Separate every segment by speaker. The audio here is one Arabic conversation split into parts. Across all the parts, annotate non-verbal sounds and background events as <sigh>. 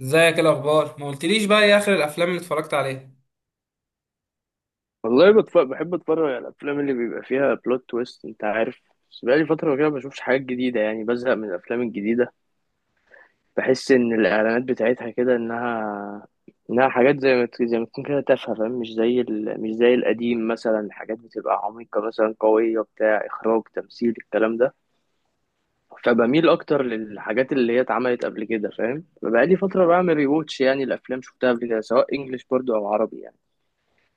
Speaker 1: ازيك؟ ايه الاخبار؟ ما قلتليش بقى ايه اخر الافلام اللي اتفرجت عليها؟
Speaker 2: والله بحب اتفرج على الافلام اللي بيبقى فيها بلوت تويست، انت عارف. بس بقالي فتره كده ما بشوفش حاجات جديده، يعني بزهق من الافلام الجديده. بحس ان الاعلانات بتاعتها كده انها حاجات زي ما تكون كده تافهه، فاهم؟ مش زي القديم، مثلا حاجات بتبقى عميقه، مثلا قويه، بتاع اخراج تمثيل الكلام ده. فبميل اكتر للحاجات اللي هي اتعملت قبل كده، فاهم؟ فبقالي فتره بعمل ريواتش، يعني الافلام شفتها قبل كده، سواء انجليش برضو او عربي يعني.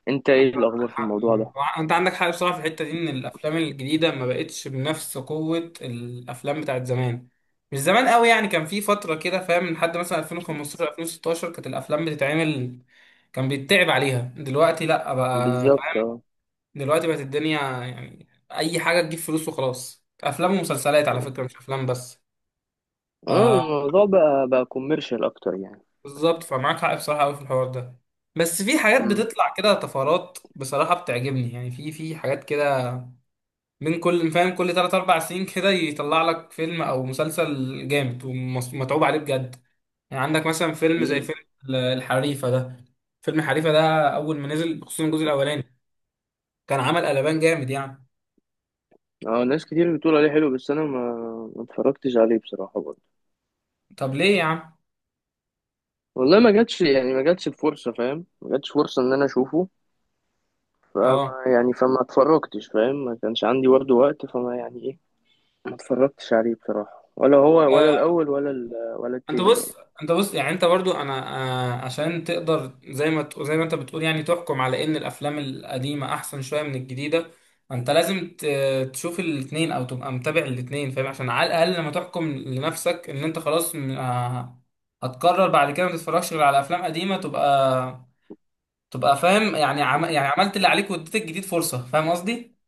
Speaker 2: انت ايه الاخبار في الموضوع
Speaker 1: آه.
Speaker 2: ده؟
Speaker 1: انت عندك حق بصراحه في الحته دي، ان الافلام الجديده ما بقتش بنفس قوه الافلام بتاعت زمان. مش زمان قوي يعني، كان في فتره كده فاهم، من حد مثلا 2015 2016 كانت الافلام بتتعمل، كان بيتعب عليها. دلوقتي لا بقى
Speaker 2: بالظبط.
Speaker 1: فاهم، دلوقتي بقت الدنيا يعني اي حاجه تجيب فلوس وخلاص، افلام ومسلسلات على فكره مش افلام بس.
Speaker 2: اه الموضوع بقى كوميرشال اكتر يعني.
Speaker 1: بالظبط، فمعاك حق بصراحة أوي في الحوار ده. بس في حاجات
Speaker 2: امم.
Speaker 1: بتطلع كده طفرات بصراحة بتعجبني، يعني في حاجات كده، من كل فاهم كل تلات أربع سنين كده يطلع لك فيلم أو مسلسل جامد ومتعوب عليه بجد. يعني عندك مثلا فيلم زي
Speaker 2: امم.
Speaker 1: فيلم الحريفة ده. فيلم الحريفة ده أول ما نزل، خصوصا الجزء الأولاني، كان عمل قلبان جامد يعني.
Speaker 2: اه ناس كتير بتقول عليه حلو، بس انا ما اتفرجتش عليه بصراحه برضه.
Speaker 1: طب ليه يا عم؟
Speaker 2: والله ما جاتش، يعني ما جاتش الفرصه، فاهم؟ ما جاتش فرصه ان انا اشوفه.
Speaker 1: اه.
Speaker 2: فما يعني فما اتفرجتش، فاهم؟ ما كانش عندي برضه وقت، فما يعني ايه. ما اتفرجتش عليه بصراحه، ولا هو ولا
Speaker 1: آه.
Speaker 2: الاول ولا
Speaker 1: انت
Speaker 2: التاني يعني.
Speaker 1: بص انت بص، يعني انت برضو انا، آه، عشان تقدر زي ما ت- زي ما انت بتقول يعني تحكم على ان الافلام القديمه احسن شويه من الجديده، انت لازم تشوف الاتنين او تبقى متابع الاتنين فاهم، عشان على الاقل لما تحكم لنفسك ان انت خلاص آه، هتقرر بعد كده ما تتفرجش غير على افلام قديمه، تبقى فاهم يعني يعني عملت اللي عليك واديت الجديد فرصه، فاهم قصدي.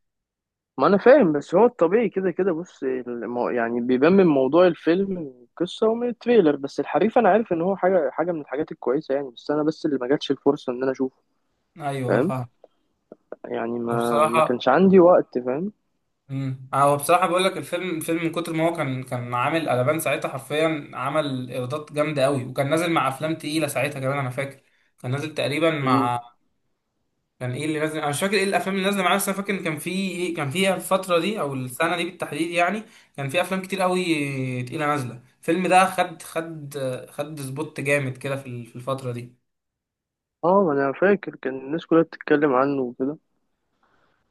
Speaker 2: ما انا فاهم، بس هو الطبيعي كده كده. يعني بيبان من موضوع الفيلم، من القصه، ومن التريلر. بس الحريف انا عارف ان هو حاجه حاجه من الحاجات الكويسه يعني، بس انا بس اللي ما جاتش الفرصه ان انا اشوفه.
Speaker 1: ايوه
Speaker 2: فاهم؟
Speaker 1: فاهم.
Speaker 2: يعني ما
Speaker 1: بصراحه،
Speaker 2: كانش عندي وقت، فاهم؟
Speaker 1: امم، هو بصراحه بقول لك، الفيلم من كتر ما هو كان عامل قلبان ساعتها، حرفيا عمل ايرادات جامده قوي، وكان نازل مع افلام تقيله ساعتها كمان انا فاكر. كان نازل تقريبا
Speaker 2: مم.
Speaker 1: مع، كان ايه اللي نازل؟ انا مش فاكر ايه الافلام اللي نازله معاه، بس انا فاكر ان كان في، كان فيها الفتره دي او السنه دي بالتحديد يعني كان في افلام كتير قوي تقيله نازله. الفيلم ده خد خد سبوت جامد كده في في الفتره دي.
Speaker 2: اه ما انا فاكر كان الناس كلها بتتكلم عنه وكده،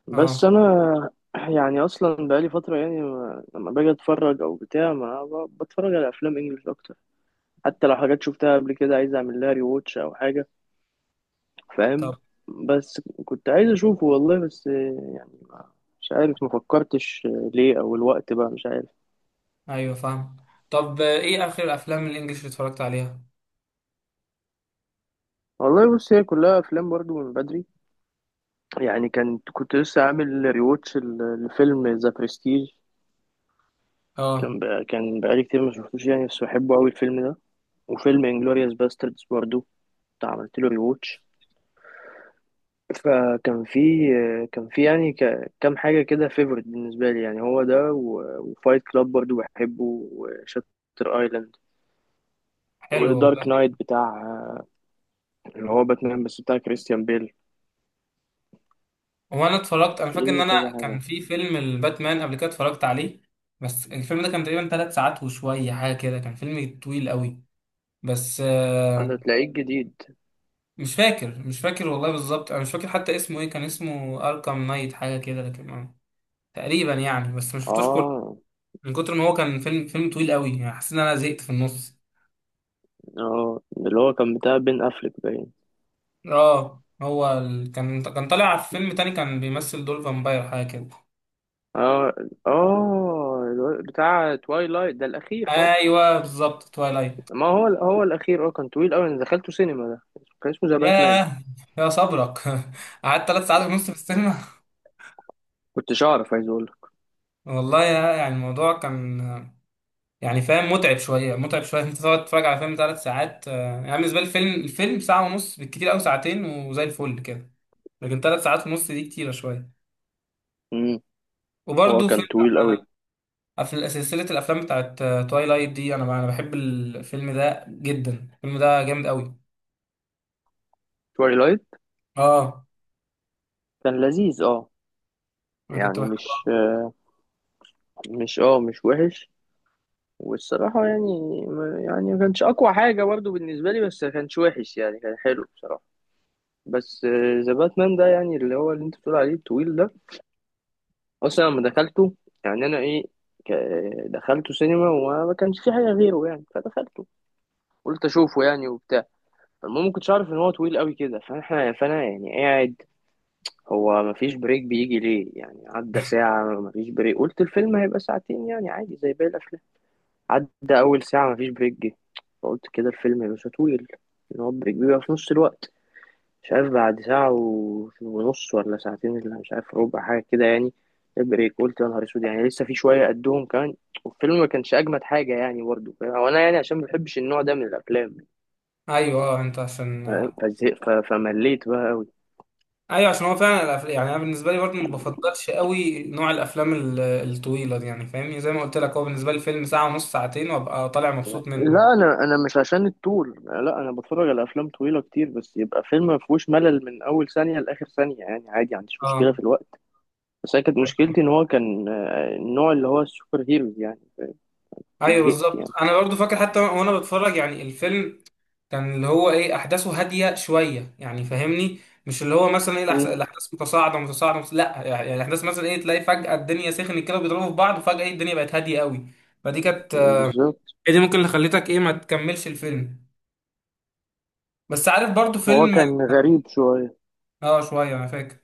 Speaker 2: بس
Speaker 1: اه.
Speaker 2: انا <clears throat> يعني اصلا بقالي فتره، يعني ما... لما باجي اتفرج او بتاع، ما ب... بتفرج على افلام انجلش اكتر. حتى لو حاجات شفتها قبل كده عايز اعمل لها ري واتش او حاجه، فاهم؟
Speaker 1: طب.
Speaker 2: بس كنت عايز اشوفه والله، بس مش عارف، ما فكرتش ليه، او الوقت بقى مش عارف.
Speaker 1: ايوه فاهم. طب ايه اخر الافلام الانجليش اللي اتفرجت عليها؟
Speaker 2: والله بص، هي كلها افلام برضو من بدري يعني. كنت كنت لسه عامل ريواتش لفيلم ذا برستيج.
Speaker 1: اه.
Speaker 2: كان بقالي كتير ما شفتوش يعني، بس بحبه قوي الفيلم ده. وفيلم انجلوريوس باستردز برضو كنت عملت له ريواتش. فكان في، كان في يعني كام حاجة كده فيفورت بالنسبة لي يعني. هو ده، وفايت كلاب برضو بحبه، وشاتر ايلاند،
Speaker 1: حلو والله.
Speaker 2: ودارك نايت بتاع، اللي هو باتمان بس بتاع كريستيان بيل.
Speaker 1: هو انا اتفرجت، انا فاكر ان
Speaker 2: في
Speaker 1: انا
Speaker 2: كذا
Speaker 1: كان
Speaker 2: حاجة.
Speaker 1: في فيلم الباتمان قبل كده اتفرجت عليه، بس الفيلم ده كان تقريبا ثلاث ساعات وشويه حاجه كده، كان فيلم طويل قوي، بس
Speaker 2: أنا
Speaker 1: آه،
Speaker 2: تلاقيه جديد.
Speaker 1: مش فاكر، والله بالظبط انا مش فاكر حتى اسمه ايه. كان اسمه اركام نايت حاجه كده لكن آه، تقريبا يعني. بس ما شفتوش كله،
Speaker 2: آه.
Speaker 1: من كتر ما هو كان فيلم، طويل قوي، يعني حسيت ان انا زهقت في النص.
Speaker 2: آه اللي هو كان بتاع بين أفليك باين.
Speaker 1: اه هو كان طالع في فيلم تاني كان بيمثل دور فامباير حاجه كده.
Speaker 2: آه. آه بتاع توايلايت ده الأخير، آه.
Speaker 1: ايوه بالظبط، توايلايت.
Speaker 2: ما هو هو الأخير، آه كان طويل أوي. أنا دخلته سينما ده، كان اسمه ذا باتمان.
Speaker 1: ياه، يا صبرك <laughs> قعدت ثلاث ساعات ونص في السينما.
Speaker 2: كنتش أعرف، عايز أقول لك.
Speaker 1: <laughs> والله يا، يعني الموضوع كان، يعني فاهم، متعب شويه، انت تقعد تتفرج على فيلم ثلاث ساعات. آه، يعني بالنسبه لي، الفيلم ساعه ونص بالكتير قوي، ساعتين وزي الفل كده، لكن ثلاث ساعات ونص دي كتيره شويه.
Speaker 2: امم. هو
Speaker 1: وبرده
Speaker 2: كان
Speaker 1: فيلم،
Speaker 2: طويل أوي.
Speaker 1: آه، في سلسله الافلام بتاعت تويلايت دي، انا بحب الفيلم ده جدا، الفيلم ده جامد قوي.
Speaker 2: توايلايت
Speaker 1: اه،
Speaker 2: كان لذيذ آه.
Speaker 1: انا
Speaker 2: يعني
Speaker 1: كنت
Speaker 2: مش،
Speaker 1: بحبه.
Speaker 2: مش آه، مش وحش. والصراحة يعني ما كانش أقوى حاجة برضه بالنسبة لي، بس ما كانش وحش يعني، كان حلو بصراحة. بس ذا باتمان ده يعني، اللي هو اللي أنت بتقول عليه الطويل ده، أصلا لما دخلته، يعني أنا إيه، ك- دخلته سينما وما كانش في حاجة غيره يعني، فدخلته، قلت أشوفه يعني وبتاع. المهم ما كنتش أعرف إن هو طويل قوي كده، فإحنا فأنا يعني قاعد. هو ما فيش بريك بيجي ليه يعني، عدى ساعة ما فيش بريك، قلت الفيلم هيبقى ساعتين يعني عادي زي باقي الأفلام. عدى أول ساعة مفيش بريك جه، فقلت كده الفيلم مش هطول، إن هو بريك بيبقى في نص الوقت. مش عارف بعد ساعة ونص، ولا ساعتين، ولا مش عارف ربع حاجة كده يعني. البريك قلت يا نهار أسود، يعني لسه في شوية قدهم كمان. والفيلم ما كانش أجمد حاجة يعني برضه، وأنا يعني عشان ما بحبش النوع ده من الأفلام،
Speaker 1: ايوه. اه انت عشان،
Speaker 2: فاهم؟ فمليت بقى أوي.
Speaker 1: ايوه عشان هو فعلا الأفلام، يعني انا بالنسبه لي برضه ما بفضلش قوي نوع الافلام الطويله دي، يعني فاهمني، زي ما قلت لك هو بالنسبه لي فيلم ساعه ونص ساعتين وابقى طالع مبسوط منه.
Speaker 2: لا أنا أنا مش عشان الطول، لا أنا بتفرج على أفلام طويلة كتير، بس يبقى فيلم ما فيهوش ملل من أول ثانية لآخر ثانية، يعني عادي ما عنديش مشكلة في
Speaker 1: اه.
Speaker 2: الوقت. بس أنا كانت
Speaker 1: ايوه،
Speaker 2: مشكلتي إن هو كان آه، النوع اللي هو السوبر هيروز يعني.
Speaker 1: أيوة
Speaker 2: زهقت
Speaker 1: بالظبط،
Speaker 2: يعني.
Speaker 1: انا برضه فاكر حتى وانا بتفرج يعني الفيلم، كان اللي هو ايه احداثه هاديه شويه، يعني فاهمني، مش اللي هو مثلا ايه
Speaker 2: مم.
Speaker 1: الاحداث متصاعده متصاعده لا، يعني الاحداث مثلا ايه، تلاقي فجاه الدنيا سخنت كده وبيضربوا في بعض، وفجاه ايه الدنيا بقت هاديه قوي. فدي كانت،
Speaker 2: بالظبط.
Speaker 1: هي دي ممكن اللي خلتك ايه ما تكملش الفيلم. بس عارف برضو
Speaker 2: هو
Speaker 1: فيلم،
Speaker 2: كان غريب شوية.
Speaker 1: اه شوية انا فاكر،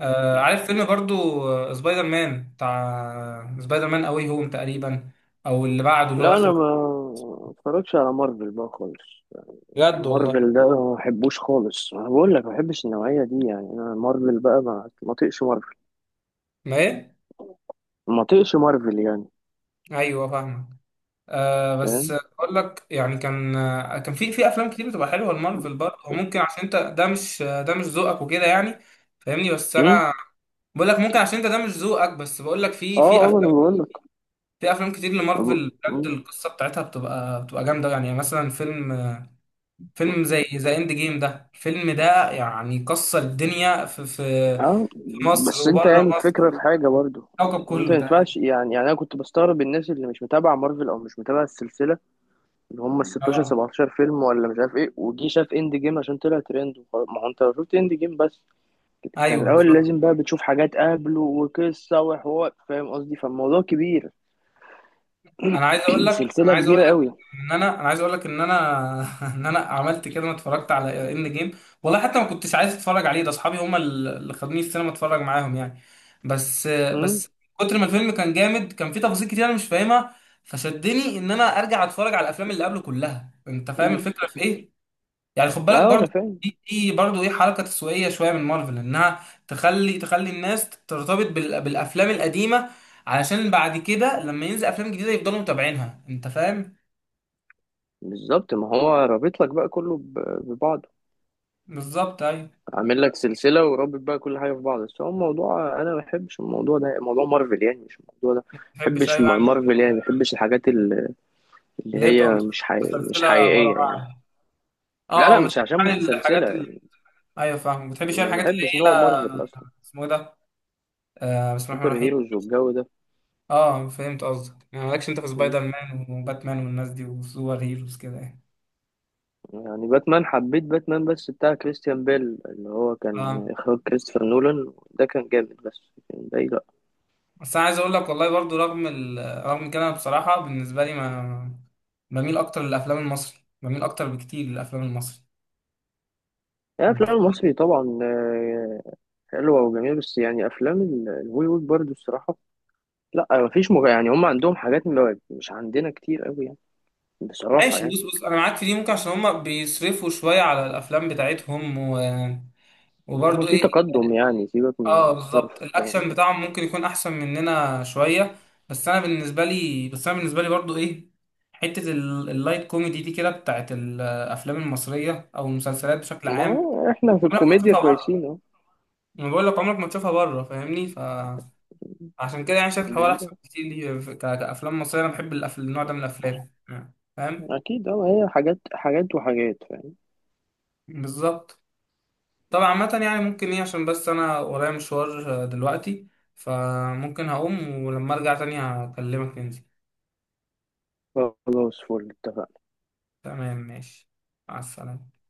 Speaker 1: آه عارف فيلم برضو آه، سبايدر مان، بتاع سبايدر مان اوي هوم تقريبا، او اللي بعده اللي هو
Speaker 2: لا
Speaker 1: اخر
Speaker 2: أنا
Speaker 1: واحد.
Speaker 2: ما اتفرجش على مارفل بقى خالص.
Speaker 1: بجد والله.
Speaker 2: مارفل ده ما بحبوش خالص، أنا بقول لك ما بحبش النوعية دي يعني. أنا مارفل بقى ما طيقش مارفل،
Speaker 1: ما ايه.
Speaker 2: ما طيقش مارفل يعني.
Speaker 1: ايوه فاهمك. آه بس
Speaker 2: فاهم؟
Speaker 1: اقول لك، يعني كان آه، كان في افلام كتير بتبقى حلوه المارفل برضه، وممكن عشان انت ده مش آه، ده مش ذوقك وكده يعني، فاهمني. بس
Speaker 2: مم؟
Speaker 1: انا بقول لك ممكن عشان انت ده مش ذوقك، بس بقول لك في
Speaker 2: اه اه ما انا
Speaker 1: أفلام،
Speaker 2: بقول لك.
Speaker 1: في افلام كتير لمارفل بجد القصه بتاعتها بتبقى جامده يعني. يعني مثلا فيلم، زي ذا اند جيم ده، الفيلم ده يعني كسر الدنيا في
Speaker 2: اه
Speaker 1: في مصر
Speaker 2: بس انت
Speaker 1: وبره
Speaker 2: يعني الفكرة في
Speaker 1: مصر،
Speaker 2: حاجة برضو.
Speaker 1: الكوكب
Speaker 2: انت
Speaker 1: كله
Speaker 2: ما ينفعش
Speaker 1: تقريبا.
Speaker 2: يعني، يعني انا كنت بستغرب الناس اللي مش متابعة مارفل او مش متابعة السلسلة، اللي هم ال 16
Speaker 1: اه.
Speaker 2: 17 فيلم ولا مش عارف ايه، وجي شاف اند جيم عشان طلع ترند وخلاص. ما هو انت لو شفت اند جيم بس، كان
Speaker 1: ايوه
Speaker 2: الاول
Speaker 1: صح.
Speaker 2: لازم بقى بتشوف حاجات قبله وقصه وحوار، فاهم قصدي؟ فالموضوع كبير، <clears throat>
Speaker 1: انا
Speaker 2: سلسله
Speaker 1: عايز اقول
Speaker 2: كبيره
Speaker 1: لك
Speaker 2: قوي.
Speaker 1: ان انا، انا عايز اقول لك ان انا <laughs> ان انا عملت كده، ما اتفرجت على اند جيم والله، حتى ما كنتش عايز اتفرج عليه، ده اصحابي هم اللي خدوني السينما اتفرج معاهم يعني. بس
Speaker 2: امم.
Speaker 1: كتر ما الفيلم كان جامد، كان فيه تفاصيل كتير انا مش فاهمها، فشدني ان انا ارجع اتفرج على الافلام اللي قبله كلها، انت فاهم الفكره في ايه. يعني خد بالك
Speaker 2: اه انا
Speaker 1: برضو،
Speaker 2: فاهم.
Speaker 1: دي برضو ايه حركه تسويقيه شويه من مارفل، انها تخلي الناس ترتبط بالافلام القديمه، علشان بعد كده لما ينزل افلام جديده يفضلوا متابعينها، انت فاهم.
Speaker 2: بالظبط، ما هو رابط لك بقى كله ببعضه.
Speaker 1: بالظبط ايوه.
Speaker 2: عامل لك سلسله ورابط بقى كل حاجه في بعض. بس هو الموضوع انا ما بحبش الموضوع ده، موضوع مارفل يعني. مش الموضوع ده،
Speaker 1: ما
Speaker 2: ما
Speaker 1: بحبش،
Speaker 2: بحبش
Speaker 1: ايوه يعني
Speaker 2: مارفل يعني. ما بحبش الحاجات اللي اللي
Speaker 1: اللي هي
Speaker 2: هي
Speaker 1: بتبقى
Speaker 2: مش حقيقية، مش
Speaker 1: متسلسله ورا
Speaker 2: حقيقيه
Speaker 1: بعض
Speaker 2: يعني.
Speaker 1: يعني.
Speaker 2: لا
Speaker 1: اه
Speaker 2: لا
Speaker 1: اه، ما
Speaker 2: مش
Speaker 1: بتحبش
Speaker 2: عشان
Speaker 1: يعني
Speaker 2: متسلسلة
Speaker 1: الحاجات اللي،
Speaker 2: يعني،
Speaker 1: ايوه فاهم، ما بتحبش يعني
Speaker 2: ما
Speaker 1: الحاجات اللي
Speaker 2: بحبش
Speaker 1: هي،
Speaker 2: نوع مارفل أصلا.
Speaker 1: اسمه إيه ده، آه بسم الله
Speaker 2: سوبر
Speaker 1: الرحمن الرحيم.
Speaker 2: هيروز والجو ده.
Speaker 1: اه فهمت قصدك، يعني مالكش انت في
Speaker 2: مم.
Speaker 1: سبايدر مان وباتمان والناس دي وسوبر هيروز كده يعني.
Speaker 2: يعني باتمان حبيت، باتمان بس بتاع كريستيان بيل اللي هو
Speaker 1: اه.
Speaker 2: كان إخراج كريستوفر نولان ده كان جامد، بس لكن باقي لأ.
Speaker 1: بس انا عايز اقول لك والله برضو رغم رغم كده، أنا بصراحه بالنسبه لي ما، بميل اكتر للافلام المصري، بميل اكتر بكتير للافلام المصري.
Speaker 2: يعني
Speaker 1: انت،
Speaker 2: الأفلام المصري طبعا آه، حلوة وجميلة، بس يعني أفلام الهوليوود برضو الصراحة، لأ يعني هم عندهم حاجات مش عندنا كتير أوي يعني، بصراحة
Speaker 1: ماشي
Speaker 2: يعني.
Speaker 1: بص، انا معاك في دي، ممكن عشان هما بيصرفوا شويه على الافلام بتاعتهم و...
Speaker 2: هم
Speaker 1: وبرضو
Speaker 2: في
Speaker 1: ايه،
Speaker 2: تقدم يعني، سيبك من
Speaker 1: اه
Speaker 2: الصرف،
Speaker 1: بالظبط
Speaker 2: فاهم؟
Speaker 1: الاكشن بتاعهم ممكن يكون احسن مننا شويه. بس انا بالنسبه لي برضو ايه، حته اللايت كوميدي دي كده، بتاعت الافلام المصريه او المسلسلات بشكل
Speaker 2: ما
Speaker 1: عام،
Speaker 2: هو إحنا في
Speaker 1: انا
Speaker 2: الكوميديا
Speaker 1: بشوفها بره.
Speaker 2: كويسين.
Speaker 1: انا بقول لك عمرك ما تشوفها بره، فاهمني، فعشان كده يعني شايف الحوار احسن
Speaker 2: أهو.
Speaker 1: بكتير ليه في- كافلام مصريه. انا بحب النوع ده من الافلام يعني، فاهم.
Speaker 2: اكيد اه، هي حاجات حاجات وحاجات، فاهم؟
Speaker 1: بالظبط. طبعا عامه يعني ممكن ايه، عشان بس انا ورايا مشوار آه، دلوقتي، فممكن هقوم ولما ارجع تاني هكلمك ننزل.
Speaker 2: خلاص فل، اتفقنا.
Speaker 1: تمام ماشي. مع السلامه.